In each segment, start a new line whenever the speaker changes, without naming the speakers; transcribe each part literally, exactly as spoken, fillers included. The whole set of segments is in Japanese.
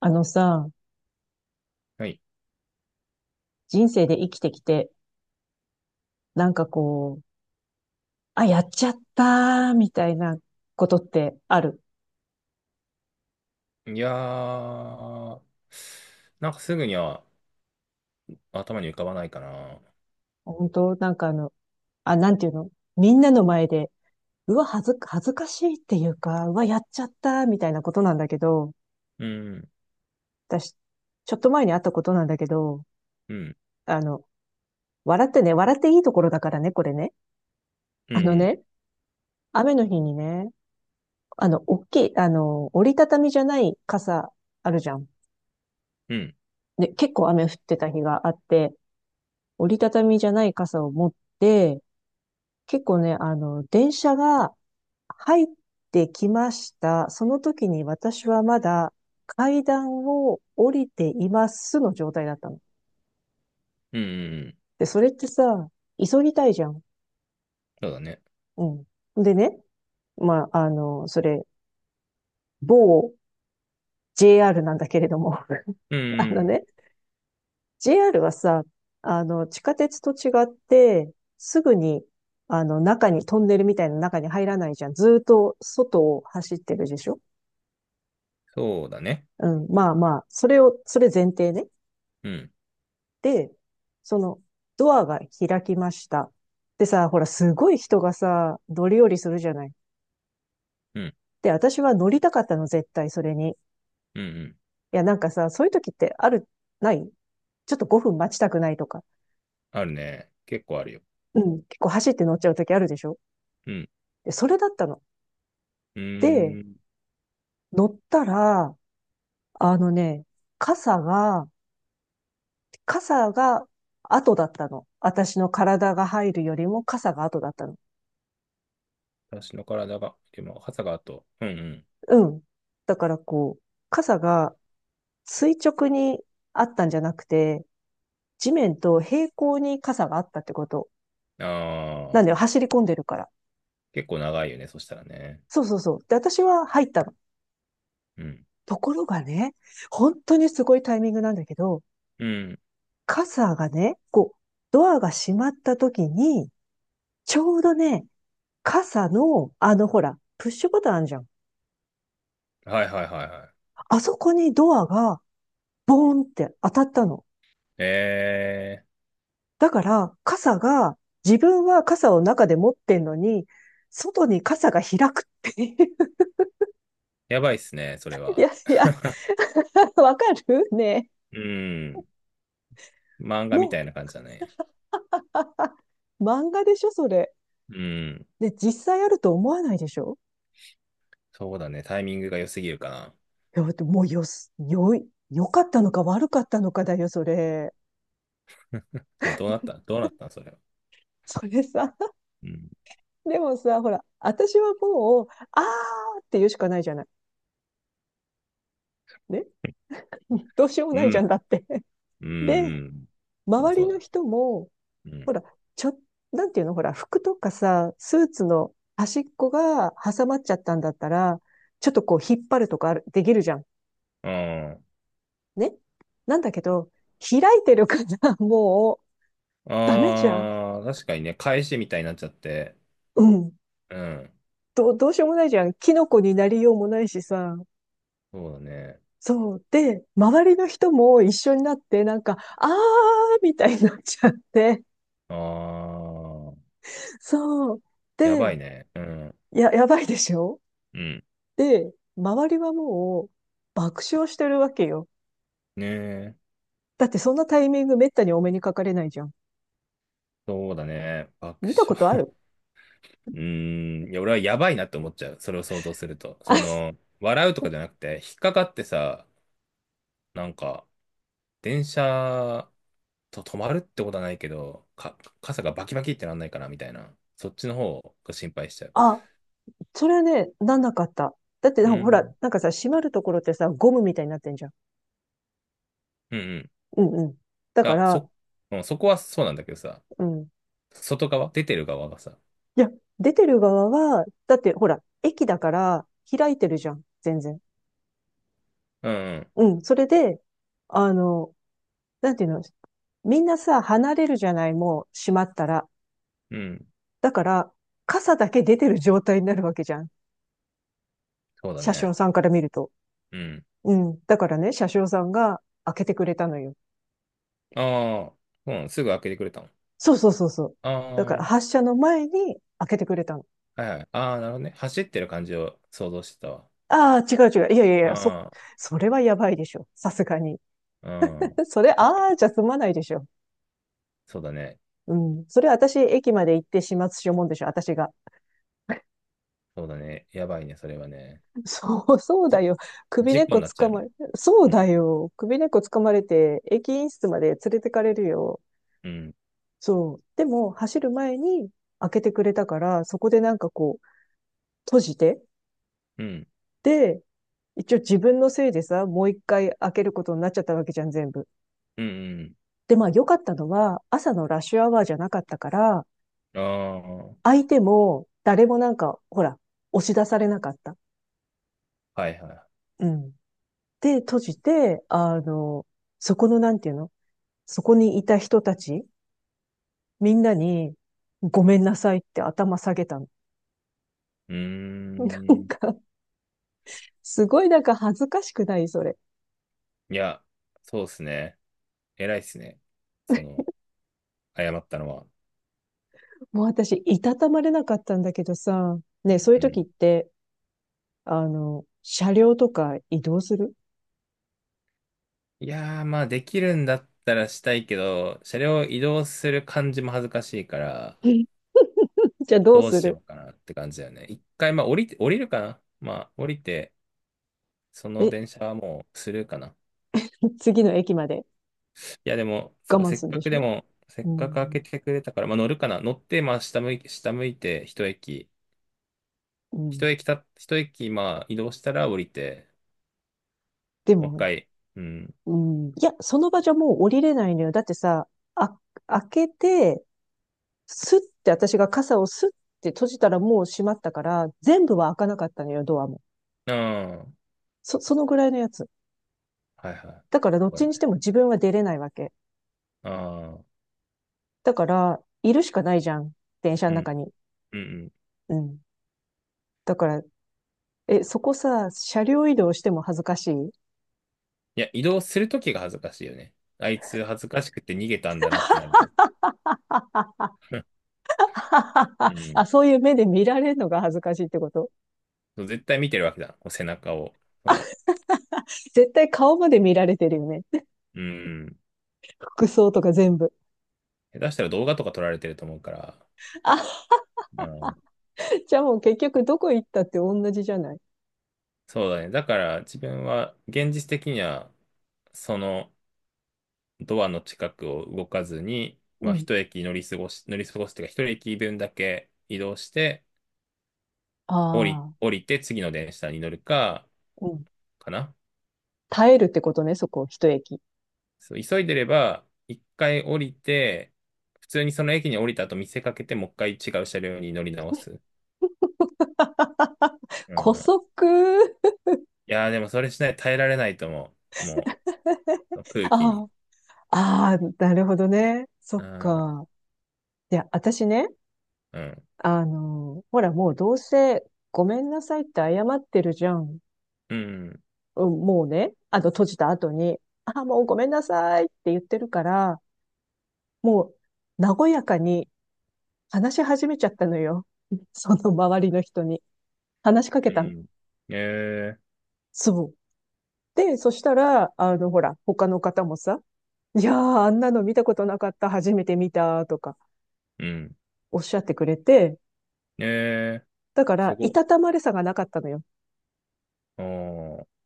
あのさ、
はい。
人生で生きてきて、なんかこう、あ、やっちゃったー、みたいなことってある？
いやー、なんかすぐには頭に浮かばないかな。
本当なんかあの、あ、なんていうのみんなの前で、うわ、恥ず、恥ずかしいっていうか、うわ、やっちゃったー、みたいなことなんだけど、
うん、
私、ちょっと前にあったことなんだけど、
うん、
あの、笑ってね、笑っていいところだからね、これね。
うん、う
あの
ん、
ね、雨の日にね、あの、大きい、あの、折りたたみじゃない傘あるじゃん。
うん、
で、結構雨降ってた日があって、折りたたみじゃない傘を持って、結構ね、あの、電車が入ってきました。その時に私はまだ階段を降りていますの状態だったの。
うん、うんうん。
で、それってさ、急ぎたいじゃん。
そうだね。
うん。でね、まあ、あの、それ、某 ジェイアール なんだけれども、
うん、
あの
うん。
ね、ジェイアール はさ、あの、地下鉄と違って、すぐに、あの、中に、トンネルみたいな中に入らないじゃん。ずーっと外を走ってるでしょ
そうだね。
う？ん、まあまあ、それを、それ前提ね。
うん、
で、その、ドアが開きました。でさ、ほら、すごい人がさ、乗り降りするじゃない。
うん、
で、私は乗りたかったの、絶対、それに。い
うん、うん。
や、なんかさ、そういう時ってある、ないちょっとごふん待ちたくないとか。
あるね。結構あるよ。
うん、結構走って乗っちゃう時あるでしょ
うん、
で、それだったの。
う
で、
ーん。
乗ったら、あのね、傘が、傘が後だったの。私の体が入るよりも傘が後だったの。
私の体が、でも、傘があと、うん、
うん。だからこう、傘が垂直にあったんじゃなくて、地面と平行に傘があったってこと。
うん。あ
なんだよ、
ー、
走り込んでるから。
結構長いよね、そしたらね。
そうそうそう。で、私は入ったの。
うん、
ところがね、本当にすごいタイミングなんだけど、
うん。
傘がね、こう、ドアが閉まった時に、ちょうどね、傘の、あの、ほら、プッシュボタンあるじゃん。
はいはいはいはい。
あそこにドアが、ボーンって当たったの。
ええ
だから、傘が、自分は傘を中で持ってんのに、外に傘が開くっていう。
ー、やばいっすね、それ
い
は。
やいや、わかるねえ。
うん、漫画み
も
た
う、
いな感じだね。
漫画でしょ、それ。
うん。
で、実際あると思わないでしょ
そうだね。タイミングが良すぎるかな。
いや、だってもうよす、よい、良かったのか悪かったのかだよ、それ。
いや、どうなったどうなったんそれは。
それさ、
うん。
でもさ、ほら、私はもう、あーって言うしかないじゃない。ね。どうしようも
う
ないじゃん
ん。
だって。
うん。
で、
うん。まあ、
周
そ
り
うだ
の
ね。
人も、ほら、ちょ、なんていうの、ほら、服とかさ、スーツの端っこが挟まっちゃったんだったら、ちょっとこう引っ張るとかあるできるじゃん。
うん。ああ。
ね。なんだけど、開いてるから もうダメじゃん。
ああ、確かにね、返しみたいになっちゃって。
うん。
うん。
どう、どうしようもないじゃん。キノコになりようもないしさ。
そうだね。
そう。で、周りの人も一緒になって、なんか、あーみたいになっちゃって。
ああ。
そう。
やば
で、
いね。うん。
や、やばいでしょ
うん。
で、周りはもう爆笑してるわけよ。
ねえ。
だってそんなタイミングめったにお目にかかれないじゃん。
そうだね。爆
見たこと
笑。
ある？
うーん。いや、俺はやばいなって思っちゃう。それを想像すると。その、笑うとかじゃなくて、引っかかってさ、なんか、電車、と、止まるってことはないけど、か、傘がバキバキってなんないかなみたいな。そっちの方が心配しちゃう。
あ、それはね、なんなかった。だってな
う
んかほら、
ん。
なんかさ、閉まるところってさ、ゴムみたいになってんじゃん。
うんうん。い
うんうん。だか
や、
ら、
そ、うんあそうんそこはそうなんだけどさ、
うん。
外側、出てる側がさ。
いや、出てる側は、だってほら、駅だから開いてるじゃん。全然。
うん
うん。それで、あの、なんていうの、みんなさ、離れるじゃない、もう閉まったら。
うん。うん。
だから、傘だけ出てる状態になるわけじゃん。
そうだ
車
ね。
掌さんから見ると。
うん。
うん。だからね、車掌さんが開けてくれたのよ。
ああ、うん、すぐ開けてくれたの？
そうそうそうそう。
ああ、
だから
は
発車の前に開けてくれたの。
いはい。ああ、なるほどね。走ってる感じを想像してたわ。
ああ、違う違う。いやいやいや、そ、
あ
それはやばいでしょ。さすがに。
あ、うん。
それ、
確か
あ
に。
あ、じゃ済まないでしょ。
そうだね。
うん。それ私、駅まで行って始末しようもんでしょ、私が。
そうだね。やばいね、それはね。
そう、そうだ
じ、
よ。首根
事
っ
故
こ
にな
つ
っち
か
ゃう
まれ、
ね。
そう
う
だ
ん、
よ。首根っこつかまれて、駅員室まで連れてかれるよ。
うん、
そう。でも、走る前に開けてくれたから、そこでなんかこう、閉じて、
うん、
で、一応自分のせいでさ、もう一回開けることになっちゃったわけじゃん、全部。
うん、うん。
で、まあ良かったのは、朝のラッシュアワーじゃなかったから、
ああ、は
相手も誰もなんか、ほら、押し出されなかった。
いは
うん。で、閉じて、あの、そこのなんていうのそこにいた人たち、みんなに、ごめんなさいって頭下げたの。
い。うー
なん
ん。
か、すごいなんか恥ずかしくない？それ。
いや、そうですね。偉いっすね。その、謝ったのは。
もう私、いたたまれなかったんだけどさ、
う
ね、
ん
そういう
う
時っ
ん。
て、あの、車両とか移動する？
いやー、まあ、できるんだったらしたいけど、車両を移動する感じも恥ずかしいから、
じゃあどう
どう
す
し
る？
ようかなって感じだよね。一回、まあ、降りて、降りるかな。まあ、降りて、その
え、
電車はもうスルーかな。
次の駅まで
いや、でも、
我
そうか、
慢
せ
す
っ
るんで
か
し
くで
ょ
も、せっ
う
かく開け
ん。
てくれたから、まあ、乗るかな。乗って、まあ、下向い、下向いて、一駅。
うん。
一駅た、一駅、まあ、移動したら降りて、
で
もう一
も、
回、うん。
うん。いや、その場じゃもう降りれないのよ。だってさ、あ、開けて、スッて私が傘をスッって閉じたらもう閉まったから、全部は開かなかったのよ、ドアも。
ああ、
そ、そのぐらいのやつ。
はいはい。
だからどっ
そうだ
ちにし
ね。
ても自分は出れないわけ。
ああ、
だから、いるしかないじゃん。電車
う
の中
ん、
に。
うん、うん。
うん。だから、え、そこさ、車両移動しても恥ずかしい？
いや、移動するときが恥ずかしいよね。あいつ恥ずかしくて逃げたんだなってなるじゃん。うん。
あ、そういう目で見られるのが恥ずかしいってこと？
そう、絶対見てるわけだ。こう背中を。その、
絶対顔まで見られてるよね。
うん。
服装とか全部。
下手したら動画とか撮られてると思うから、
あ、
うん。
じゃあもう結局どこ行ったって同じじゃない？
そうだね。だから、自分は、現実的には、その、ドアの近くを動かずに、
う
まあ、
ん。
一駅乗り過ごし、乗り過ごすというか、一駅分だけ移動して、降り、
あ
降りて次の電車に乗るか、
あ、うん。
かな。
耐えるってことね、そこ、一駅。
そう、急いでれば、一回降りて、普通にその駅に降りた後見せかけて、もう一回違う車両に乗り直す。う
古
ん。い
速。
やー、でもそれしない耐えられないと思う。もう、空気に。
ああ、ああ、なるほどね。そ
う
っ
ん。
か。いや、私ね、
うん。
あの、ほらもうどうせごめんなさいって謝ってるじゃん。
うん。
うん、もうね、あの、閉じた後に、あ、もうごめんなさいって言ってるから、もう、和やかに話し始めちゃったのよ。その周りの人に。話しかけ
う
たの。
ん。えー、
そう。で、そしたら、あの、ほら、他の方もさ、いやー、あんなの見たことなかった、初めて見た、とか、
うん。
おっしゃってくれて、
えー、
だか
す
ら、
ご
い
っ。
たたまれさがなかったのよ。
おー、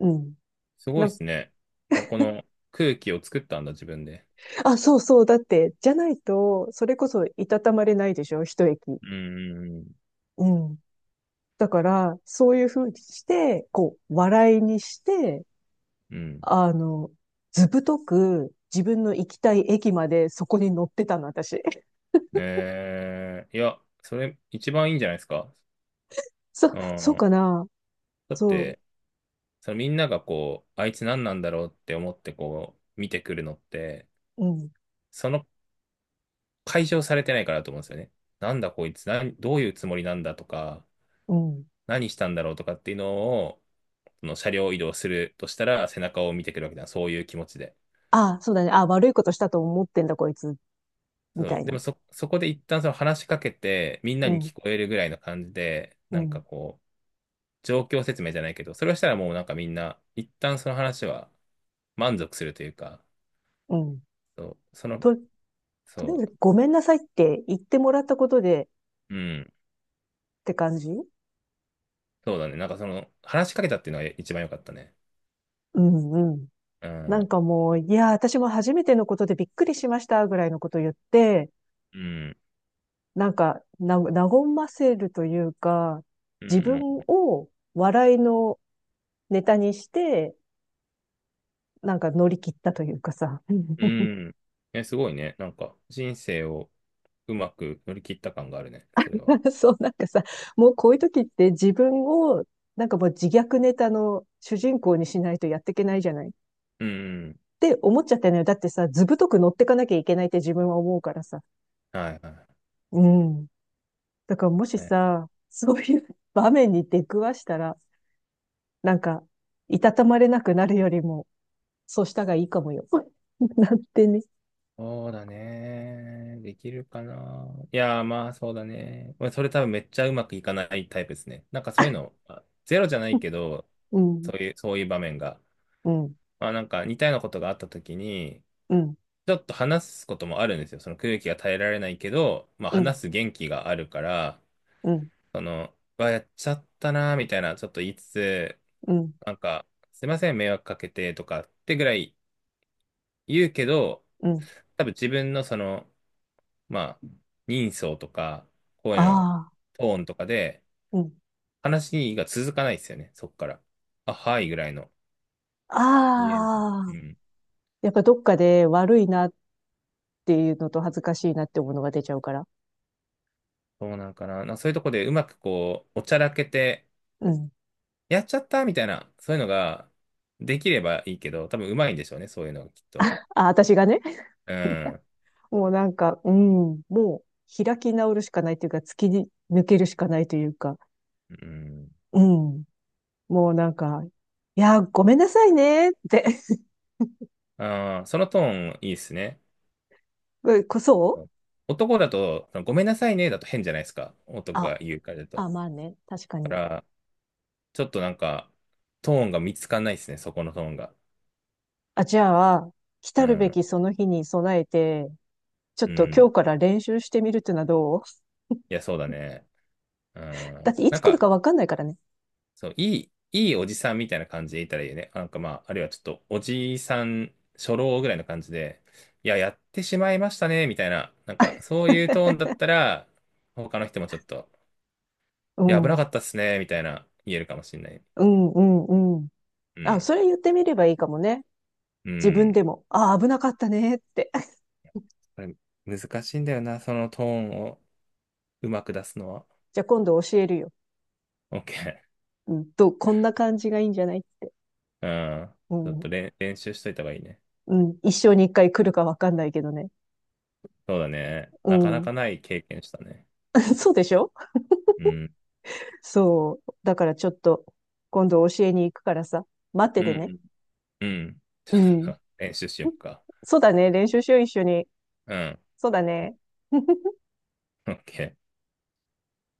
うん。
すごい
な、
ですね。ここの空気を作ったんだ、自分で。
あ、そうそう、だって、じゃないと、それこそいたたまれないでしょ、一駅。
うん、
うん。だから、そういうふうにして、こう、笑いにして、
うん。
あの、ずぶとく自分の行きたい駅までそこに乗ってたの、私。
えー、いや、それ一番いいんじゃないですか。
そ、
う
そう
ん。
かな？
だっ
そう、
て、そのみんながこう、あいつ何なんだろうって思ってこう、見てくるのって、
うん、
その解消されてないからだと思うんですよね。なんだこいつ、なんどういうつもりなんだとか、
うん。
何したんだろうとかっていうのを、その車両移動するとしたら、背中を見てくるわけだ。そういう気持ちで。
ああ、そうだね。ああ、悪いことしたと思ってんだ、こいつ、み
そ
た
う、
い
で
な。
もそ、そこで一旦その話しかけて、みんな
う
に
ん、
聞こえるぐらいの感じで、
う
なんか
ん、
こう、状況説明じゃないけど、それをしたらもうなんかみんな、一旦その話は満足するというか、
うん。
そう、その、
と、とりあえ
そ
ず、ごめんなさいって言ってもらったことで
う、うん、
って感じ？
そうだね。なんかその、話しかけたっていうのが一番良かったね。
うん、うん。
う
な
ん、
んかもう、いや、私も初めてのことでびっくりしました、ぐらいのこと言って、
うん、
なんか、な、和ませるというか、
う
自分
ん、
を笑いのネタにして、なんか乗り切ったというかさ。
うん。え、すごいね。なんか、人生をうまく乗り切った感があるね、それは。
そう、なんかさ、もうこういう時って自分を、なんかもう自虐ネタの主人公にしないとやっていけないじゃないっ
うん、うん。
て思っちゃったのよ。だってさ、図太く乗ってかなきゃいけないって自分は思うからさ。
はい、は
うん。だからもし
い。
さ、そういう場面に出くわしたら、なんか、いたたまれなくなるよりも、そうしたがいいかもよ。なってね。
そうだね。できるかな。いやー、まあそうだね。まあそれ多分めっちゃうまくいかないタイプですね。なんかそういうの、まあゼロじゃないけど、
うん、
そういう、そういう場面が。
うん、
まあなんか似たようなことがあった時に、
うん、うん、
ちょっと話すこともあるんですよ。その空気が耐えられないけど、まあ
うん、
話す元気があるから、その、うわ、やっちゃったなーみたいな、ちょっと言いつつ、
うん、
なんか、すいません、迷惑かけてとかってぐらい言うけど、
うん。
多分自分のその、まあ、人相とか、声の
ああ、
トーンとかで、
うん。
話が続かないですよね、そこから。あ、はいぐらいの。いいえ、みたい
ああ、
な。うん。
やっぱどっかで悪いなっていうのと恥ずかしいなって思うのが出ちゃうから。
そうなんかな。なそういうとこでうまくこう、おちゃらけて、
うん。
やっちゃったみたいな、そういうのができればいいけど、多分うまいんでしょうね、そういうのがきっと。
あ、私がね。
う
いや
ん。
もうなんか、うん、もう開き直るしかないというか、突き抜けるしかないというか、
うん。
うん。もうなんか、いや、ごめんなさいねって。
ああ、そのトーンいいですね。
こ
う
そう、
ん。男だと、ごめんなさいね、だと変じゃないですか。男が
あ、
言うからだと。
あ、まあね。確か
だか
に。
らちょっとなんか、トーンが見つかんないですね、そこのトーンが。
あ、じゃあ、来
う
たるべ
ん。
きその日に備えて、ちょっ
う
と今
ん。
日から練習してみるっていうのはどう？
いや、そうだね。う
だっ
ん。
てい
な
つ
ん
来るか
か、
わかんないからね。
そう、いい、いいおじさんみたいな感じでいたらいいよね。なんかまあ、あるいはちょっと、おじさん、初老ぐらいの感じで、いや、やってしまいましたね、みたいな。なんか、そういうトーンだったら、他の人もちょっと、
う
いや、危なか
ん。
ったっすね、みたいな、言えるかもしれない。
うん、うん、うん。
う
あ、
ん。
それ言ってみればいいかもね。
う
自分
ん。
でも。あ、危なかったねって。
これ、難しいんだよな、そのトーンをうまく出すのは。
じゃあ今度教えるよ。
OK。
うん、と、こんな感じがいいんじゃないって。
うん。
う
ちょっ
ん。
と練、練習しといた方がいいね。
うん。一生に一回来るかわかんないけどね。
そうだね。
う
なかな
ん。
かない経験したね。
そうでしょ？
うん。
そう。だからちょっと、今度教えに行くからさ。待って
う
てね。
ん。うん。ち
う
ょ
ん。
っと練習しよっか。
そうだね。練習しよう、一緒に。
うん。
そうだね。
オッケー。